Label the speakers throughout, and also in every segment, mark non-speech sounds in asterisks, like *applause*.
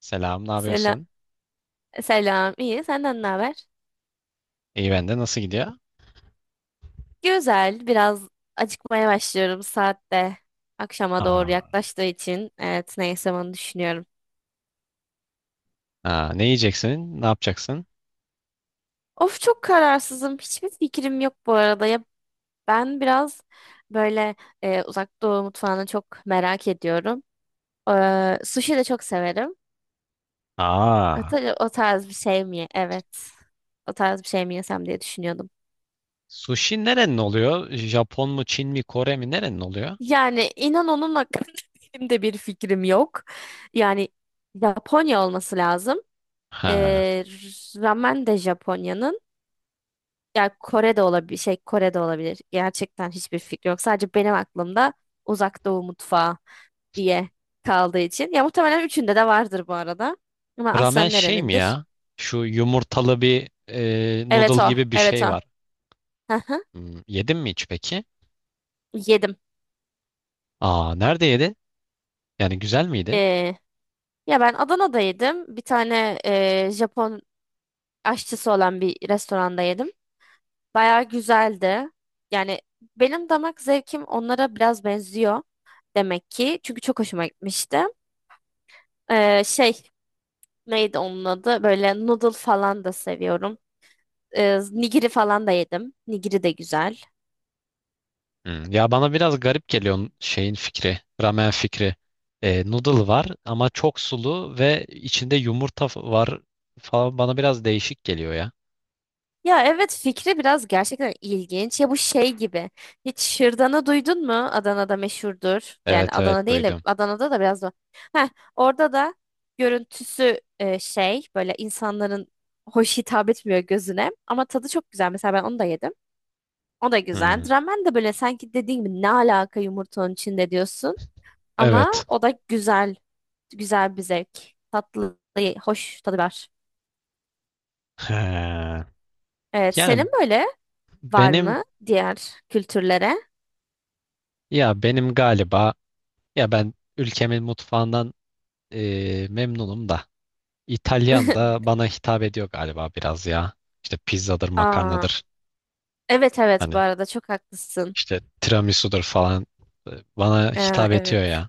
Speaker 1: Selam, ne
Speaker 2: Selam,
Speaker 1: yapıyorsun?
Speaker 2: selam. İyi. Senden ne haber?
Speaker 1: İyi ben de. Nasıl gidiyor?
Speaker 2: Güzel. Biraz acıkmaya başlıyorum saatte. Akşama doğru
Speaker 1: Aa,
Speaker 2: yaklaştığı için. Evet, ne yesem onu düşünüyorum.
Speaker 1: aa, ne yiyeceksin? Ne yapacaksın?
Speaker 2: Of çok kararsızım. Hiçbir fikrim yok bu arada. Ya ben biraz böyle Uzak Doğu mutfağını çok merak ediyorum. Sushi de çok severim. O,
Speaker 1: Aa,
Speaker 2: o tarz bir şey mi? Evet. O tarz bir şey mi yesem diye düşünüyordum.
Speaker 1: sushi nerenin oluyor? Japon mu, Çin mi, Kore mi? Nerenin oluyor?
Speaker 2: Yani inan onun hakkında *laughs* benim de bir fikrim yok. Yani Japonya olması lazım.
Speaker 1: Ha,
Speaker 2: Ee, Ramen de Japonya'nın. Yani Kore'de olabilir. Şey Kore'de olabilir. Gerçekten hiçbir fikrim yok. Sadece benim aklımda Uzak Doğu mutfağı diye kaldığı için. Ya muhtemelen üçünde de vardır bu arada. Ama
Speaker 1: ramen
Speaker 2: aslen
Speaker 1: şey mi
Speaker 2: nerenindir?
Speaker 1: ya? Şu yumurtalı bir
Speaker 2: Evet
Speaker 1: noodle
Speaker 2: o.
Speaker 1: gibi bir
Speaker 2: Evet
Speaker 1: şey
Speaker 2: o.
Speaker 1: var.
Speaker 2: Hı hı.
Speaker 1: Hmm, yedin mi hiç peki?
Speaker 2: Yedim.
Speaker 1: Aa, nerede yedin? Yani güzel miydi?
Speaker 2: Ee, Ya ben Adana'da yedim. Bir tane Japon aşçısı olan bir restoranda yedim. Bayağı güzeldi. Yani benim damak zevkim onlara biraz benziyor demek ki. Çünkü çok hoşuma gitmişti. Şey neydi onun adı? Böyle noodle falan da seviyorum. Nigiri falan da yedim. Nigiri de güzel.
Speaker 1: Hmm, ya bana biraz garip geliyor şeyin fikri, ramen fikri. Noodle var ama çok sulu ve içinde yumurta var falan bana biraz değişik geliyor ya.
Speaker 2: Ya evet fikri biraz gerçekten ilginç. Ya bu şey gibi. Hiç şırdanı duydun mu? Adana'da meşhurdur. Yani
Speaker 1: Evet evet,
Speaker 2: Adana değil de
Speaker 1: duydum.
Speaker 2: Adana'da da biraz da. Heh, orada da görüntüsü şey böyle insanların hoş hitap etmiyor gözüne. Ama tadı çok güzel. Mesela ben onu da yedim. O da güzel.
Speaker 1: Hmm.
Speaker 2: Ramen de böyle sanki dediğim gibi ne alaka yumurtanın içinde diyorsun. Ama
Speaker 1: Evet.
Speaker 2: o da güzel. Güzel bir zevk. Tatlı, hoş tadı var.
Speaker 1: He.
Speaker 2: Evet,
Speaker 1: Yani
Speaker 2: senin böyle var
Speaker 1: benim
Speaker 2: mı diğer kültürlere?
Speaker 1: ya benim galiba ya ben ülkemin mutfağından memnunum da İtalyan
Speaker 2: *laughs*
Speaker 1: da bana hitap ediyor galiba biraz ya. İşte pizzadır,
Speaker 2: Aa,
Speaker 1: makarnadır.
Speaker 2: evet evet bu
Speaker 1: Hani
Speaker 2: arada çok haklısın.
Speaker 1: işte tiramisu'dur falan e, bana
Speaker 2: Ee,
Speaker 1: hitap ediyor
Speaker 2: evet,
Speaker 1: ya.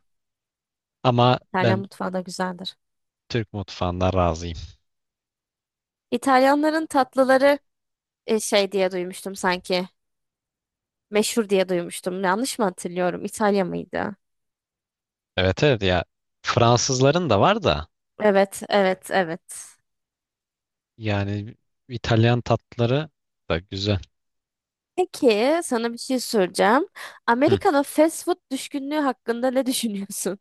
Speaker 1: Ama
Speaker 2: İtalyan
Speaker 1: ben
Speaker 2: mutfağı da güzeldir.
Speaker 1: Türk mutfağından razıyım.
Speaker 2: İtalyanların tatlıları şey diye duymuştum sanki. Meşhur diye duymuştum. Yanlış mı hatırlıyorum? İtalya mıydı?
Speaker 1: Evet evet ya, Fransızların da var da
Speaker 2: Evet evet evet.
Speaker 1: yani İtalyan tatları da güzel.
Speaker 2: Peki sana bir şey soracağım.
Speaker 1: Hı.
Speaker 2: Amerika'da fast food düşkünlüğü hakkında ne *laughs* düşünüyorsun?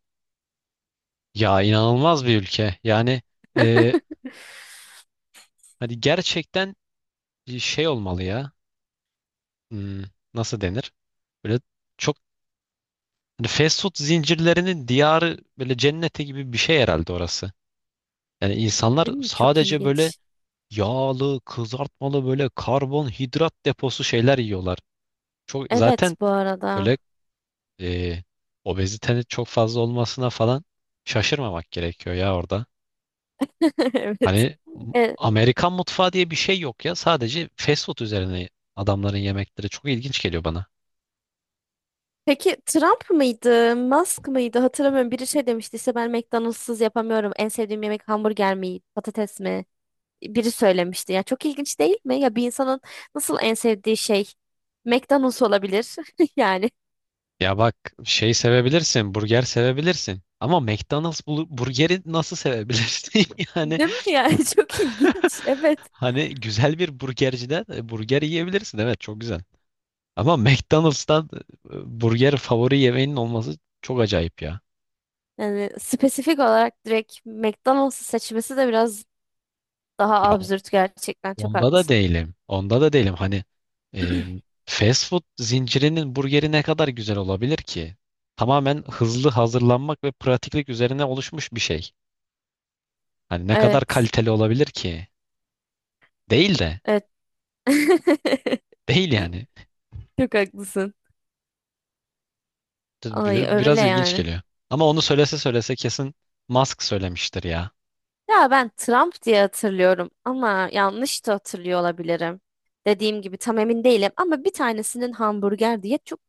Speaker 1: Ya inanılmaz bir ülke. Yani e, hani gerçekten bir şey olmalı ya. Hmm, nasıl denir? Böyle çok hani fast food zincirlerinin diyarı böyle cenneti gibi bir şey herhalde orası. Yani insanlar
Speaker 2: Değil mi? Çok
Speaker 1: sadece böyle
Speaker 2: ilginç.
Speaker 1: yağlı, kızartmalı böyle karbonhidrat deposu şeyler yiyorlar. Çok
Speaker 2: Evet
Speaker 1: zaten
Speaker 2: bu arada.
Speaker 1: böyle e, obezitenin çok fazla olmasına falan şaşırmamak gerekiyor ya orada.
Speaker 2: *laughs* Evet.
Speaker 1: Hani
Speaker 2: E,
Speaker 1: Amerikan mutfağı diye bir şey yok ya. Sadece fast food üzerine adamların yemekleri çok ilginç geliyor bana.
Speaker 2: Peki Trump mıydı, Musk mıydı hatırlamıyorum. Biri şey demişti işte ben McDonald's'sız yapamıyorum. En sevdiğim yemek hamburger mi, patates mi? Biri söylemişti. Ya çok ilginç değil mi? Ya bir insanın nasıl en sevdiği şey McDonald's olabilir *laughs* yani.
Speaker 1: Ya bak şey sevebilirsin, burger sevebilirsin. Ama McDonald's burgeri nasıl sevebilirsin? *laughs* Yani
Speaker 2: Değil mi yani? *laughs* Çok ilginç.
Speaker 1: *laughs*
Speaker 2: Evet.
Speaker 1: hani güzel bir burgerciden burger yiyebilirsin. Evet çok güzel. Ama McDonald's'tan burger favori yemeğinin olması çok acayip ya.
Speaker 2: Yani spesifik olarak direkt McDonald's'ı seçmesi de biraz daha
Speaker 1: Ya
Speaker 2: absürt gerçekten. Çok
Speaker 1: onda da
Speaker 2: haklısın.
Speaker 1: değilim. Onda da değilim. Hani e,
Speaker 2: *clears throat*
Speaker 1: fast food zincirinin burgeri ne kadar güzel olabilir ki? Tamamen hızlı hazırlanmak ve pratiklik üzerine oluşmuş bir şey. Hani ne kadar
Speaker 2: Evet.
Speaker 1: kaliteli olabilir ki? Değil de.
Speaker 2: Evet. *laughs*
Speaker 1: Değil yani.
Speaker 2: Çok haklısın. Ay öyle
Speaker 1: Biraz ilginç
Speaker 2: yani.
Speaker 1: geliyor. Ama onu söylese söylese kesin Musk söylemiştir ya.
Speaker 2: Ya ben Trump diye hatırlıyorum ama yanlış da hatırlıyor olabilirim. Dediğim gibi tam emin değilim ama bir tanesinin hamburger diye çok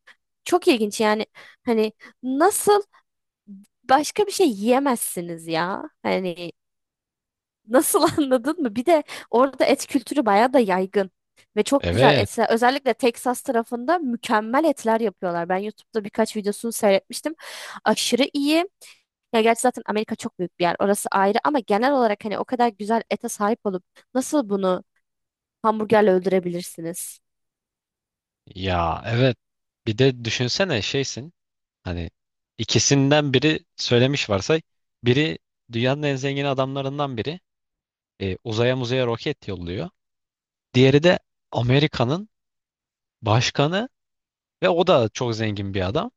Speaker 2: çok ilginç yani hani nasıl başka bir şey yiyemezsiniz ya. Hani nasıl *laughs* anladın mı? Bir de orada et kültürü bayağı da yaygın. Ve çok güzel
Speaker 1: Evet.
Speaker 2: etler. Özellikle Texas tarafında mükemmel etler yapıyorlar. Ben YouTube'da birkaç videosunu seyretmiştim. Aşırı iyi. Ya gerçi zaten Amerika çok büyük bir yer. Orası ayrı ama genel olarak hani o kadar güzel ete sahip olup nasıl bunu hamburgerle öldürebilirsiniz?
Speaker 1: Ya evet. Bir de düşünsene şeysin. Hani ikisinden biri söylemiş varsay. Biri dünyanın en zengin adamlarından biri. E, uzaya muzaya roket yolluyor. Diğeri de Amerika'nın başkanı ve o da çok zengin bir adam.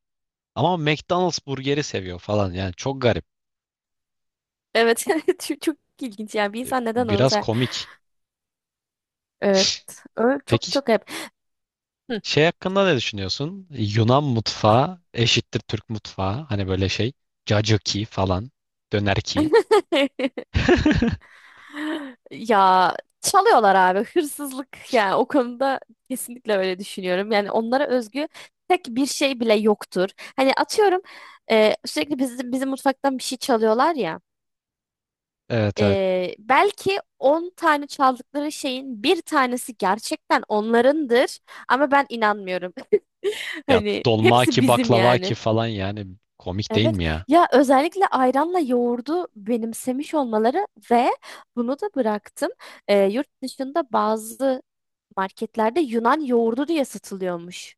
Speaker 1: Ama McDonald's burgeri seviyor falan. Yani çok garip.
Speaker 2: Evet. *laughs* Çok, çok ilginç yani. Bir insan neden onu
Speaker 1: Biraz
Speaker 2: sever?
Speaker 1: komik.
Speaker 2: Evet. Öyle çok
Speaker 1: Peki
Speaker 2: çok hep. Hı.
Speaker 1: şey hakkında ne düşünüyorsun? Yunan mutfağı eşittir Türk mutfağı. Hani böyle şey. Cacıki falan. Dönerki.
Speaker 2: *laughs* Ya çalıyorlar abi, hırsızlık yani o konuda kesinlikle öyle düşünüyorum. Yani onlara özgü tek bir şey bile yoktur. Hani atıyorum sürekli bizim mutfaktan bir şey çalıyorlar ya.
Speaker 1: Evet evet.
Speaker 2: E, belki 10 tane çaldıkları şeyin bir tanesi gerçekten onlarındır ama ben inanmıyorum. *laughs*
Speaker 1: Ya
Speaker 2: Hani
Speaker 1: dolma
Speaker 2: hepsi
Speaker 1: ki
Speaker 2: bizim
Speaker 1: baklava ki
Speaker 2: yani.
Speaker 1: falan yani komik değil
Speaker 2: Evet,
Speaker 1: mi ya?
Speaker 2: ya özellikle ayranla yoğurdu benimsemiş olmaları ve bunu da bıraktım. Yurt dışında bazı marketlerde Yunan yoğurdu diye satılıyormuş.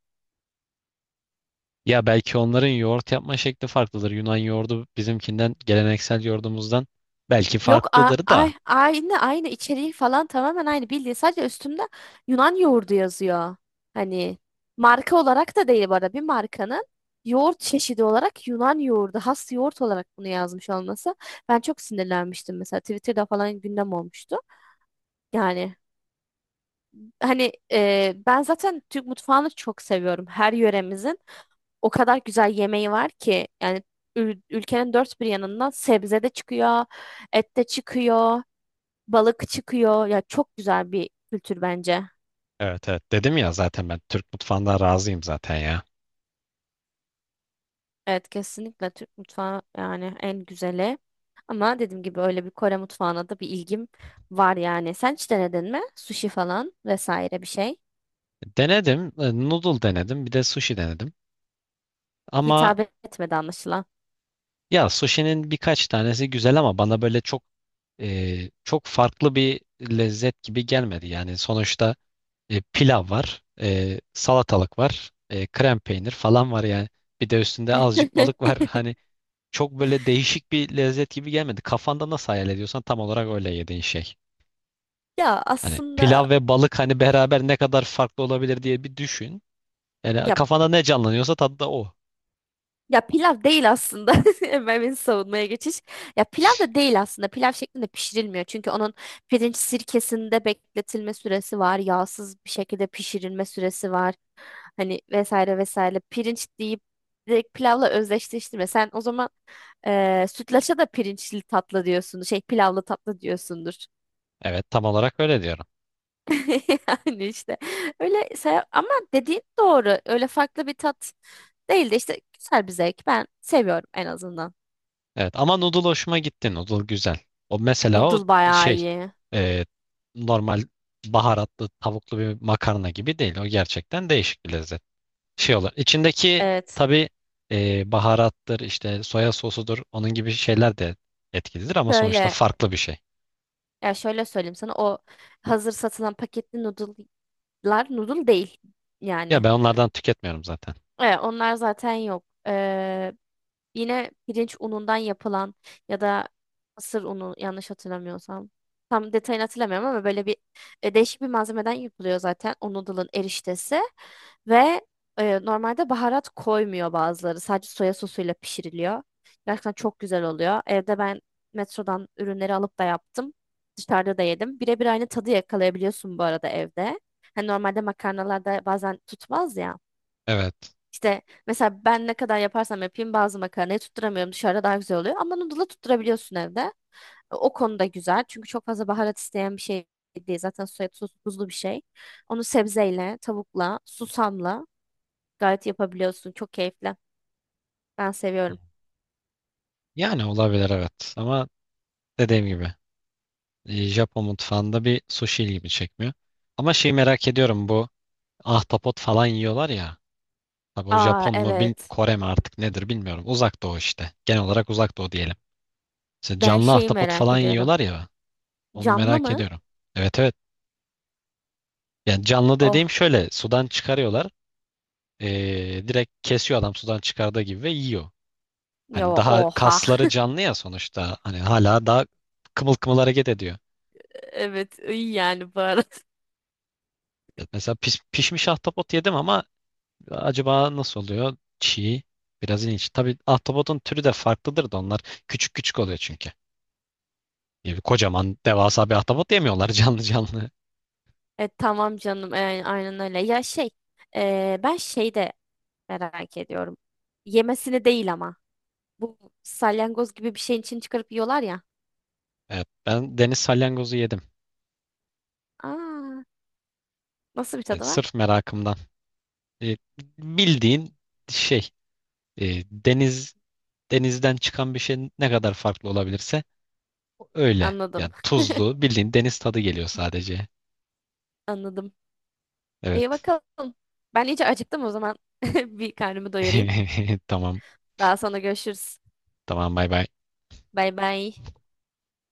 Speaker 1: Ya belki onların yoğurt yapma şekli farklıdır. Yunan yoğurdu bizimkinden, geleneksel yoğurdumuzdan belki
Speaker 2: Yok
Speaker 1: farklıdır da.
Speaker 2: ay, aynı aynı içeriği falan tamamen aynı bildiğin sadece üstünde Yunan yoğurdu yazıyor. Hani marka olarak da değil bu arada bir markanın yoğurt çeşidi olarak Yunan yoğurdu has yoğurt olarak bunu yazmış olması. Ben çok sinirlenmiştim mesela Twitter'da falan gündem olmuştu. Yani hani ben zaten Türk mutfağını çok seviyorum. Her yöremizin o kadar güzel yemeği var ki yani ülkenin dört bir yanından sebze de çıkıyor, et de çıkıyor, balık çıkıyor. Ya çok güzel bir kültür bence.
Speaker 1: Evet evet, dedim ya zaten ben Türk mutfağından razıyım zaten ya.
Speaker 2: Evet, kesinlikle Türk mutfağı yani en güzeli. Ama dediğim gibi öyle bir Kore mutfağına da bir ilgim var yani. Sen hiç denedin mi? Sushi falan vesaire bir şey.
Speaker 1: Denedim. Noodle denedim. Bir de sushi denedim. Ama
Speaker 2: Hitap etmedi anlaşılan.
Speaker 1: ya sushi'nin birkaç tanesi güzel ama bana böyle çok çok farklı bir lezzet gibi gelmedi. Yani sonuçta pilav var, salatalık var, krem peynir falan var yani. Bir de üstünde azıcık balık
Speaker 2: *laughs*
Speaker 1: var. *laughs* Hani çok böyle değişik bir lezzet gibi gelmedi. Kafanda nasıl hayal ediyorsan tam olarak öyle yediğin şey.
Speaker 2: Ya
Speaker 1: Hani
Speaker 2: aslında
Speaker 1: pilav ve balık hani beraber ne kadar farklı olabilir diye bir düşün. Yani
Speaker 2: ya
Speaker 1: kafanda ne canlanıyorsa tadı da o.
Speaker 2: Ya pilav değil aslında. *laughs* Hemen beni savunmaya geçiş. Ya pilav da değil aslında. Pilav şeklinde pişirilmiyor. Çünkü onun pirinç sirkesinde bekletilme süresi var. Yağsız bir şekilde pişirilme süresi var. Hani vesaire vesaire. Pirinç deyip direkt pilavla özdeşleştirme. Sen o zaman sütlaça da pirinçli tatlı diyorsun. Şey pilavlı tatlı diyorsundur.
Speaker 1: Evet tam olarak öyle diyorum.
Speaker 2: *laughs* Yani işte öyle say ama dediğin doğru. Öyle farklı bir tat değil de işte güzel bir zevk. Ben seviyorum en azından.
Speaker 1: Evet ama noodle hoşuma gitti. Noodle güzel. O mesela
Speaker 2: Noodle bayağı
Speaker 1: şey
Speaker 2: iyi.
Speaker 1: e, normal baharatlı tavuklu bir makarna gibi değil. O gerçekten değişik bir lezzet. Şey olur. İçindeki
Speaker 2: Evet.
Speaker 1: tabii baharattır işte soya sosudur onun gibi şeyler de etkilidir ama sonuçta
Speaker 2: Şöyle,
Speaker 1: farklı bir şey.
Speaker 2: ya şöyle söyleyeyim sana, o hazır satılan paketli noodle'lar noodle değil
Speaker 1: Ya
Speaker 2: yani.
Speaker 1: ben onlardan tüketmiyorum zaten.
Speaker 2: Evet, onlar zaten yok. Yine pirinç unundan yapılan ya da mısır unu yanlış hatırlamıyorsam. Tam detayını hatırlamıyorum ama böyle bir değişik bir malzemeden yapılıyor zaten o noodle'ın eriştesi. Ve normalde baharat koymuyor bazıları. Sadece soya sosuyla pişiriliyor. Gerçekten çok güzel oluyor. Evde ben metrodan ürünleri alıp da yaptım. Dışarıda da yedim. Birebir aynı tadı yakalayabiliyorsun bu arada evde. Hani normalde makarnalarda bazen tutmaz ya.
Speaker 1: Evet.
Speaker 2: İşte mesela ben ne kadar yaparsam yapayım bazı makarnayı tutturamıyorum. Dışarıda daha güzel oluyor. Ama noodle'ı tutturabiliyorsun evde. O konuda güzel. Çünkü çok fazla baharat isteyen bir şey değil. Zaten soya sosu tuzlu bir şey. Onu sebzeyle, tavukla, susamla gayet yapabiliyorsun. Çok keyifli. Ben seviyorum.
Speaker 1: Yani olabilir evet. Ama dediğim gibi Japon mutfağında bir sushi ilgimi çekmiyor. Ama şeyi merak ediyorum, bu ahtapot falan yiyorlar ya. Tabii o
Speaker 2: Aa
Speaker 1: Japon mu bil
Speaker 2: evet.
Speaker 1: Kore mi artık nedir bilmiyorum. Uzak Doğu işte. Genel olarak Uzak Doğu diyelim. İşte
Speaker 2: Ben
Speaker 1: canlı
Speaker 2: şeyi
Speaker 1: ahtapot
Speaker 2: merak
Speaker 1: falan
Speaker 2: ediyorum.
Speaker 1: yiyorlar ya. Onu
Speaker 2: Camlı
Speaker 1: merak
Speaker 2: mı?
Speaker 1: ediyorum. Evet evet. Yani canlı dediğim
Speaker 2: Oh.
Speaker 1: şöyle sudan çıkarıyorlar. E, direkt kesiyor adam sudan çıkardığı gibi ve yiyor.
Speaker 2: Ya
Speaker 1: Hani daha
Speaker 2: oha.
Speaker 1: kasları
Speaker 2: *laughs*
Speaker 1: canlı ya sonuçta. Hani hala daha kımıl kımıl hareket ediyor.
Speaker 2: Evet iyi yani baharat.
Speaker 1: Evet. Mesela pişmiş ahtapot yedim ama acaba nasıl oluyor? Çiğ. Biraz ilginç. Tabii ahtapotun türü de farklıdır da onlar küçük küçük oluyor çünkü. Yani kocaman devasa bir ahtapot yemiyorlar *laughs* canlı canlı.
Speaker 2: E, tamam canım. E, aynen öyle. Ya şey, ben şeyde merak ediyorum. Yemesini değil ama. Bu salyangoz gibi bir şeyin için çıkarıp yiyorlar ya.
Speaker 1: Evet, ben deniz salyangozu yedim.
Speaker 2: Aa, nasıl bir
Speaker 1: E,
Speaker 2: tadı var?
Speaker 1: sırf merakımdan. E, bildiğin şey e, deniz denizden çıkan bir şey ne kadar farklı olabilirse öyle.
Speaker 2: Anladım.
Speaker 1: Yani
Speaker 2: *laughs*
Speaker 1: tuzlu bildiğin deniz tadı geliyor sadece.
Speaker 2: Anladım. İyi
Speaker 1: Evet.
Speaker 2: bakalım. Ben iyice acıktım o zaman. *laughs* Bir karnımı doyurayım.
Speaker 1: *laughs* Tamam.
Speaker 2: Daha sonra görüşürüz.
Speaker 1: Tamam bay bay.
Speaker 2: Bay bay.